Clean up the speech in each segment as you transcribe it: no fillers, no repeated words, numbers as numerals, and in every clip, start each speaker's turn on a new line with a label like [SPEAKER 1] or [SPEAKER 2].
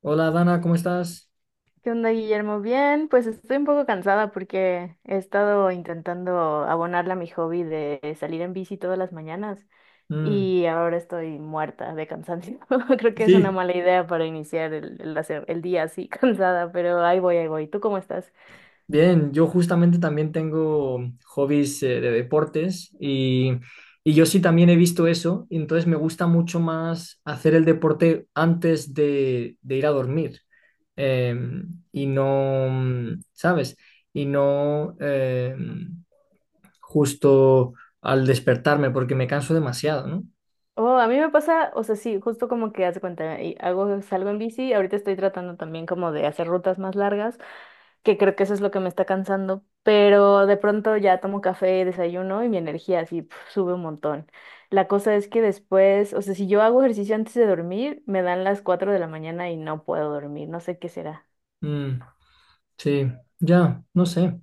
[SPEAKER 1] Hola Dana, ¿cómo estás?
[SPEAKER 2] ¿Qué onda, Guillermo? Bien, pues estoy un poco cansada porque he estado intentando abonarle a mi hobby de salir en bici todas las mañanas
[SPEAKER 1] Mm,
[SPEAKER 2] y ahora estoy muerta de cansancio. Creo que es
[SPEAKER 1] sí,
[SPEAKER 2] una mala idea para iniciar el día así cansada, pero ahí voy, ahí voy. ¿Tú cómo estás?
[SPEAKER 1] bien, yo justamente también tengo hobbies de deportes y yo sí también he visto eso, y entonces me gusta mucho más hacer el deporte antes de ir a dormir. Y no, mm, ¿sabes? Y no justo al despertarme porque me canso demasiado, ¿no?
[SPEAKER 2] Oh, a mí me pasa, o sea, sí, justo como que haz de cuenta, y salgo en bici, ahorita estoy tratando también como de hacer rutas más largas, que creo que eso es lo que me está cansando, pero de pronto ya tomo café, desayuno y mi energía así pf, sube un montón. La cosa es que después, o sea, si yo hago ejercicio antes de dormir, me dan las 4 de la mañana y no puedo dormir, no sé qué será.
[SPEAKER 1] Mm, sí, ya, no sé.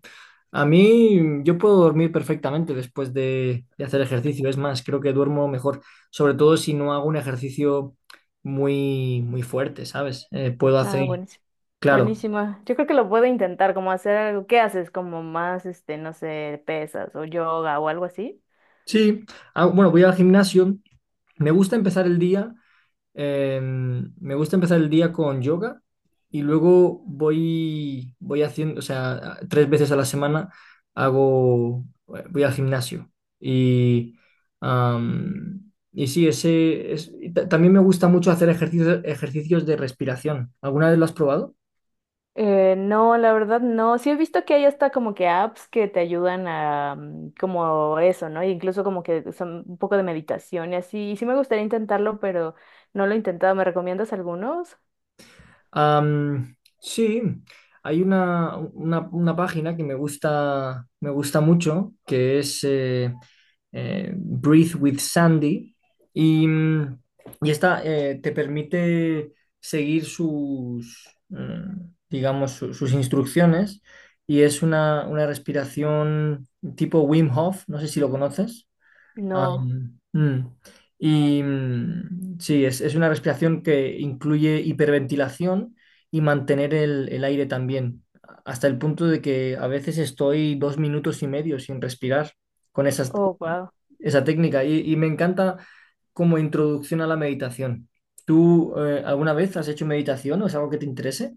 [SPEAKER 1] A mí, yo puedo dormir perfectamente después de hacer ejercicio. Es más, creo que duermo mejor, sobre todo si no hago un ejercicio muy, muy fuerte, ¿sabes? Puedo hacer,
[SPEAKER 2] Ah, buenísimo.
[SPEAKER 1] claro.
[SPEAKER 2] Buenísima. Yo creo que lo puedo intentar, como hacer algo. ¿Qué haces? Como más, este, no sé, pesas o yoga o algo así.
[SPEAKER 1] Sí, ah, bueno, voy al gimnasio. Me gusta empezar el día Me gusta empezar el día con yoga y luego voy haciendo, o sea, tres veces a la semana hago, voy al gimnasio. Y, y sí, y también me gusta mucho hacer ejercicios de respiración. ¿Alguna vez lo has probado?
[SPEAKER 2] No, la verdad no. Sí he visto que hay hasta como que apps que te ayudan a como eso, ¿no? Incluso como que son un poco de meditación y así. Y sí me gustaría intentarlo, pero no lo he intentado. ¿Me recomiendas algunos?
[SPEAKER 1] Sí, hay una página que me gusta mucho, que es Breathe with Sandy, y, mm, y esta te permite seguir sus, mm, digamos, sus instrucciones, y es una respiración tipo Wim Hof, no sé si lo conoces.
[SPEAKER 2] No.
[SPEAKER 1] Am, mm. Y mm, es una respiración que incluye hiperventilación y mantener el aire también, hasta el punto de que a veces estoy dos minutos y medio sin respirar con
[SPEAKER 2] Oh,
[SPEAKER 1] esa técnica. Y me encanta como introducción a la meditación. ¿Tú alguna vez has hecho meditación o es algo que te interese?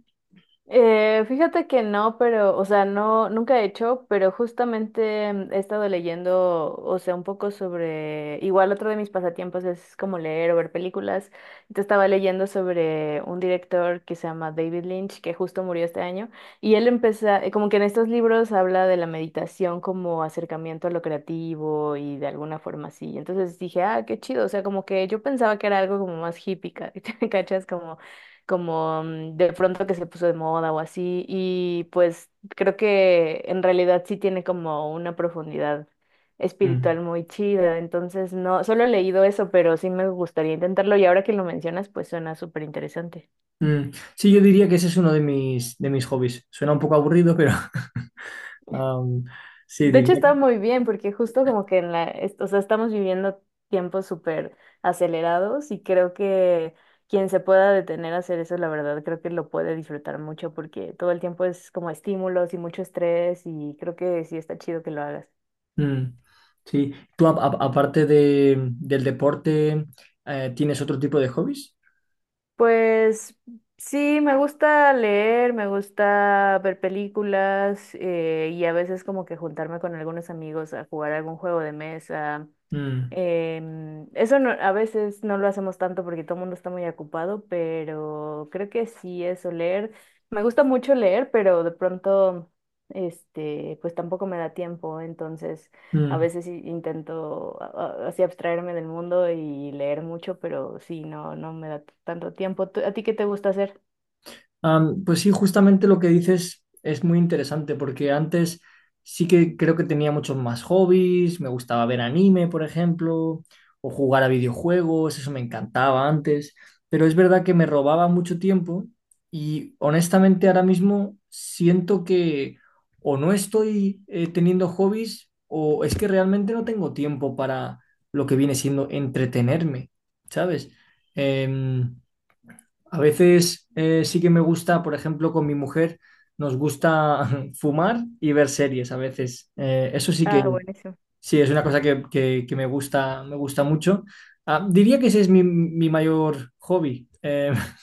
[SPEAKER 2] eh, fíjate que no, pero, o sea, no, nunca he hecho, pero justamente he estado leyendo, o sea, un poco sobre, igual otro de mis pasatiempos es como leer o ver películas. Entonces estaba leyendo sobre un director que se llama David Lynch, que justo murió este año, y él empieza, como que en estos libros habla de la meditación como acercamiento a lo creativo y de alguna forma así. Entonces dije, ah, qué chido, o sea, como que yo pensaba que era algo como más hippie, ¿cachas? Como de pronto que se puso de moda o así. Y pues creo que en realidad sí tiene como una profundidad
[SPEAKER 1] Mm.
[SPEAKER 2] espiritual muy chida. Entonces, no, solo he leído eso, pero sí me gustaría intentarlo. Y ahora que lo mencionas, pues suena súper interesante.
[SPEAKER 1] Mm. Sí, yo diría que ese es uno de de mis hobbies. Suena un poco aburrido, pero am, sí,
[SPEAKER 2] De hecho,
[SPEAKER 1] diría.
[SPEAKER 2] está muy bien porque justo como que o sea, estamos viviendo tiempos súper acelerados y creo que quien se pueda detener a hacer eso, la verdad, creo que lo puede disfrutar mucho porque todo el tiempo es como estímulos y mucho estrés y creo que sí está chido que lo hagas.
[SPEAKER 1] Mm, sí. ¿Tú aparte del deporte, tienes otro tipo de hobbies?
[SPEAKER 2] Pues sí, me gusta leer, me gusta ver películas y a veces como que juntarme con algunos amigos a jugar algún juego de mesa.
[SPEAKER 1] Mm,
[SPEAKER 2] Em, eso no- a veces no lo hacemos tanto porque todo el mundo está muy ocupado, pero creo que sí, eso, leer. Me gusta mucho leer, pero de pronto, este, pues tampoco me da tiempo, entonces a
[SPEAKER 1] mm.
[SPEAKER 2] veces sí intento así abstraerme del mundo y leer mucho, pero sí, no, no me da tanto tiempo. ¿A ti qué te gusta hacer?
[SPEAKER 1] Pues sí, justamente lo que dices es muy interesante porque antes sí que creo que tenía muchos más hobbies, me gustaba ver anime, por ejemplo, o jugar a videojuegos, eso me encantaba antes, pero es verdad que me robaba mucho tiempo y honestamente ahora mismo siento que o no estoy teniendo hobbies o es que realmente no tengo tiempo para lo que viene siendo entretenerme, ¿sabes? Em, a veces sí que me gusta, por ejemplo, con mi mujer, nos gusta fumar y ver series a veces. Eso sí que
[SPEAKER 2] Ah, buenísimo.
[SPEAKER 1] sí, es una cosa que me gusta mucho. Ah, diría que ese es mi mayor hobby.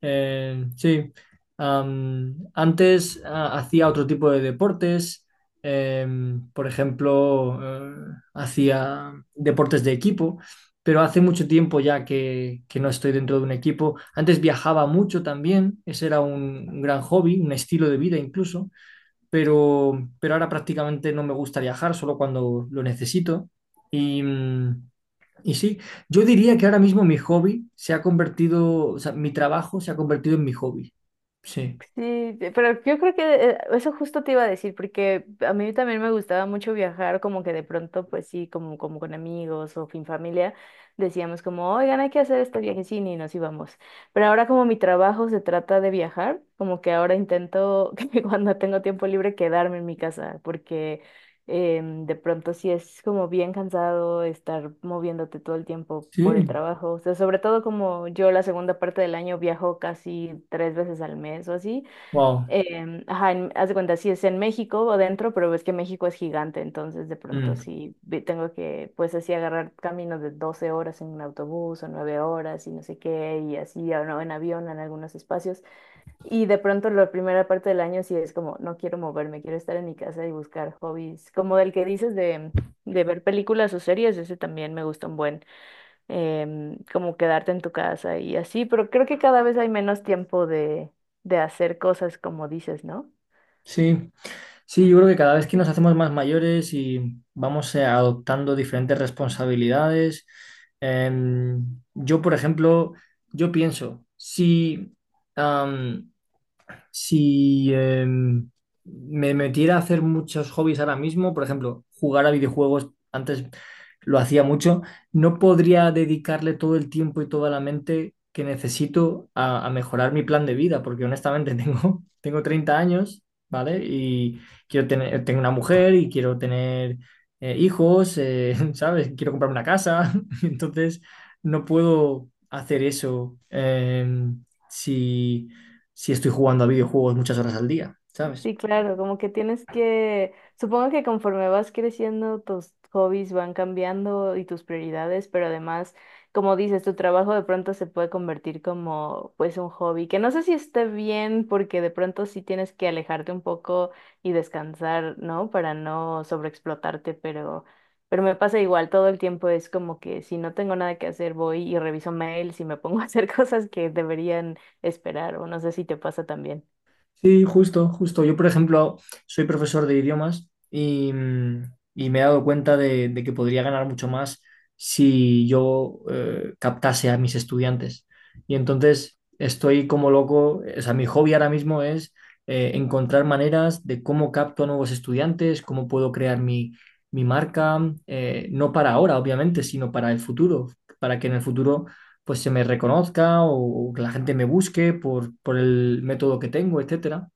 [SPEAKER 1] Sí. Antes hacía otro tipo de deportes, por ejemplo, hacía deportes de equipo, pero hace mucho tiempo que no estoy dentro de un equipo. Antes viajaba mucho también, ese era un gran hobby, un estilo de vida incluso, pero ahora prácticamente no me gusta viajar, solo cuando lo necesito. Y, mm, y sí, yo diría que ahora mismo mi hobby se ha convertido, o sea, mi trabajo se ha convertido en mi hobby. Sí,
[SPEAKER 2] Sí, te- pero yo creo que eso justo te iba a decir, porque a mí también me gustaba mucho viajar, como que de pronto, pues sí, como, como con amigos o fin familia, decíamos como, oigan, hay que hacer este viajecín y nos íbamos. Pero ahora como mi trabajo se trata de viajar, como que ahora intento que cuando tengo tiempo libre quedarme en mi casa, porque de pronto sí es como bien cansado estar moviéndote todo el tiempo por el
[SPEAKER 1] sí,
[SPEAKER 2] trabajo. O sea, sobre todo como yo la segunda parte del año viajo casi 3 veces al mes o así.
[SPEAKER 1] wow.
[SPEAKER 2] Ajá, haz de cuenta, sí es en México o dentro, pero ves que México es gigante, entonces de pronto
[SPEAKER 1] Mm.
[SPEAKER 2] sí tengo que, pues así agarrar caminos de 12 horas en un autobús o 9 horas y no sé qué, y así, o no, en avión en algunos espacios. Y de pronto la primera parte del año sí es como, no quiero moverme, quiero estar en mi casa y buscar hobbies. Como el que dices de ver películas o series, ese también me gusta un buen, como quedarte en tu casa y así, pero creo que cada vez hay menos tiempo de hacer cosas como dices, ¿no?
[SPEAKER 1] Sí, sí, yo creo que cada vez que nos hacemos más mayores y vamos adoptando diferentes responsabilidades, em, yo, por ejemplo, yo pienso, si, am, Si me metiera a hacer muchos hobbies ahora mismo, por ejemplo, jugar a videojuegos, antes lo hacía mucho, no podría dedicarle todo el tiempo y toda la mente que necesito a mejorar mi plan de vida, porque honestamente tengo 30 años, ¿vale? Y tengo una mujer y quiero tener hijos, ¿sabes? Quiero comprarme una casa, entonces no puedo hacer eso. Si si estoy jugando a videojuegos muchas horas al día, ¿sabes?
[SPEAKER 2] Sí, claro, como que tienes que, supongo que conforme vas creciendo, tus hobbies van cambiando y tus prioridades, pero además, como dices, tu trabajo de pronto se puede convertir como pues un hobby, que no sé si esté bien porque de pronto sí tienes que alejarte un poco y descansar, ¿no? Para no sobreexplotarte, pero me pasa igual, todo el tiempo es como que si no tengo nada que hacer, voy y reviso mails y me pongo a hacer cosas que deberían esperar, o no sé si te pasa también.
[SPEAKER 1] Sí, justo, justo. Yo, por ejemplo, soy profesor de idiomas y me he dado cuenta de que podría ganar mucho más si yo captase a mis estudiantes. Y entonces estoy como loco, o sea, mi hobby ahora mismo es encontrar maneras de cómo capto a nuevos estudiantes, cómo puedo crear mi marca, no para ahora, obviamente, sino para el futuro, para que en el futuro pues se me reconozca que la gente me busque por el método que tengo, etcétera.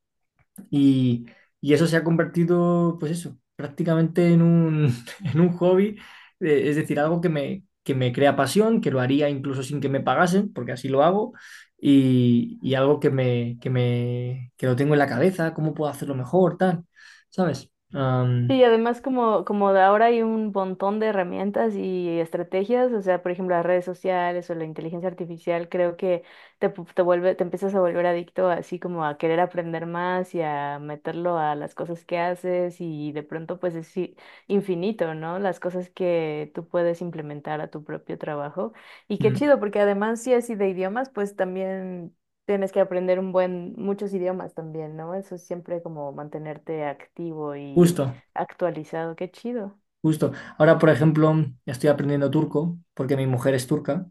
[SPEAKER 1] Y, y eso se ha convertido, pues eso, prácticamente en en un hobby, es decir, algo que me crea pasión, que lo haría incluso sin que me pagasen, porque así lo hago, y algo que lo tengo en la cabeza, cómo puedo hacerlo mejor, tal, ¿sabes?
[SPEAKER 2] Sí, además como, como de ahora hay un montón de herramientas y estrategias, o sea, por ejemplo, las redes sociales o la inteligencia artificial, creo que te vuelve, te empiezas a volver adicto así como a querer aprender más y a meterlo a las cosas que haces y de pronto pues es infinito, ¿no? Las cosas que tú puedes implementar a tu propio trabajo. Y qué
[SPEAKER 1] Mm,
[SPEAKER 2] chido, porque además si así de idiomas, pues también tienes que aprender un buen, muchos idiomas también, ¿no? Eso es siempre como mantenerte activo y
[SPEAKER 1] Justo,
[SPEAKER 2] actualizado, qué chido.
[SPEAKER 1] justo. Ahora, por ejemplo, estoy aprendiendo turco, porque mi mujer es turca.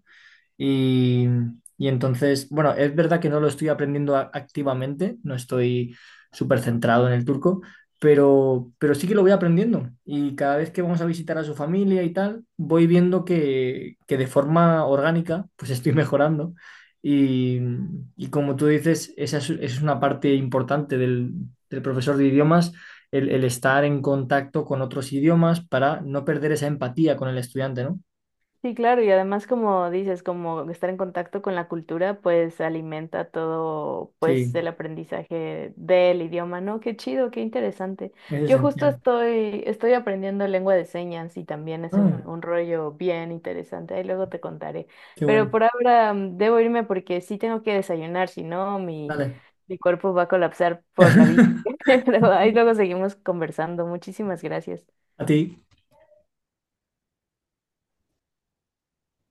[SPEAKER 1] Y, y entonces, bueno, es verdad que no lo estoy aprendiendo activamente, no estoy súper centrado en el turco, pero sí que lo voy aprendiendo. Y cada vez que vamos a visitar a su familia y tal, voy viendo que de forma orgánica, pues estoy mejorando. Y, y como tú dices, esa es una parte importante del profesor de idiomas, el estar en contacto con otros idiomas para no perder esa empatía con el estudiante, ¿no?
[SPEAKER 2] Sí, claro, y además como dices, como estar en contacto con la cultura, pues alimenta todo, pues
[SPEAKER 1] Sí,
[SPEAKER 2] el aprendizaje del idioma, ¿no? Qué chido, qué interesante.
[SPEAKER 1] es
[SPEAKER 2] Yo justo
[SPEAKER 1] esencial.
[SPEAKER 2] estoy, estoy aprendiendo lengua de señas y también es
[SPEAKER 1] Ah.
[SPEAKER 2] un rollo bien interesante, ahí luego te contaré.
[SPEAKER 1] Qué
[SPEAKER 2] Pero
[SPEAKER 1] bueno.
[SPEAKER 2] por ahora debo irme porque sí tengo que desayunar, si no, mi,
[SPEAKER 1] Dale.
[SPEAKER 2] mi cuerpo va a colapsar por la bici. Pero ahí luego seguimos conversando. Muchísimas gracias.
[SPEAKER 1] A ti.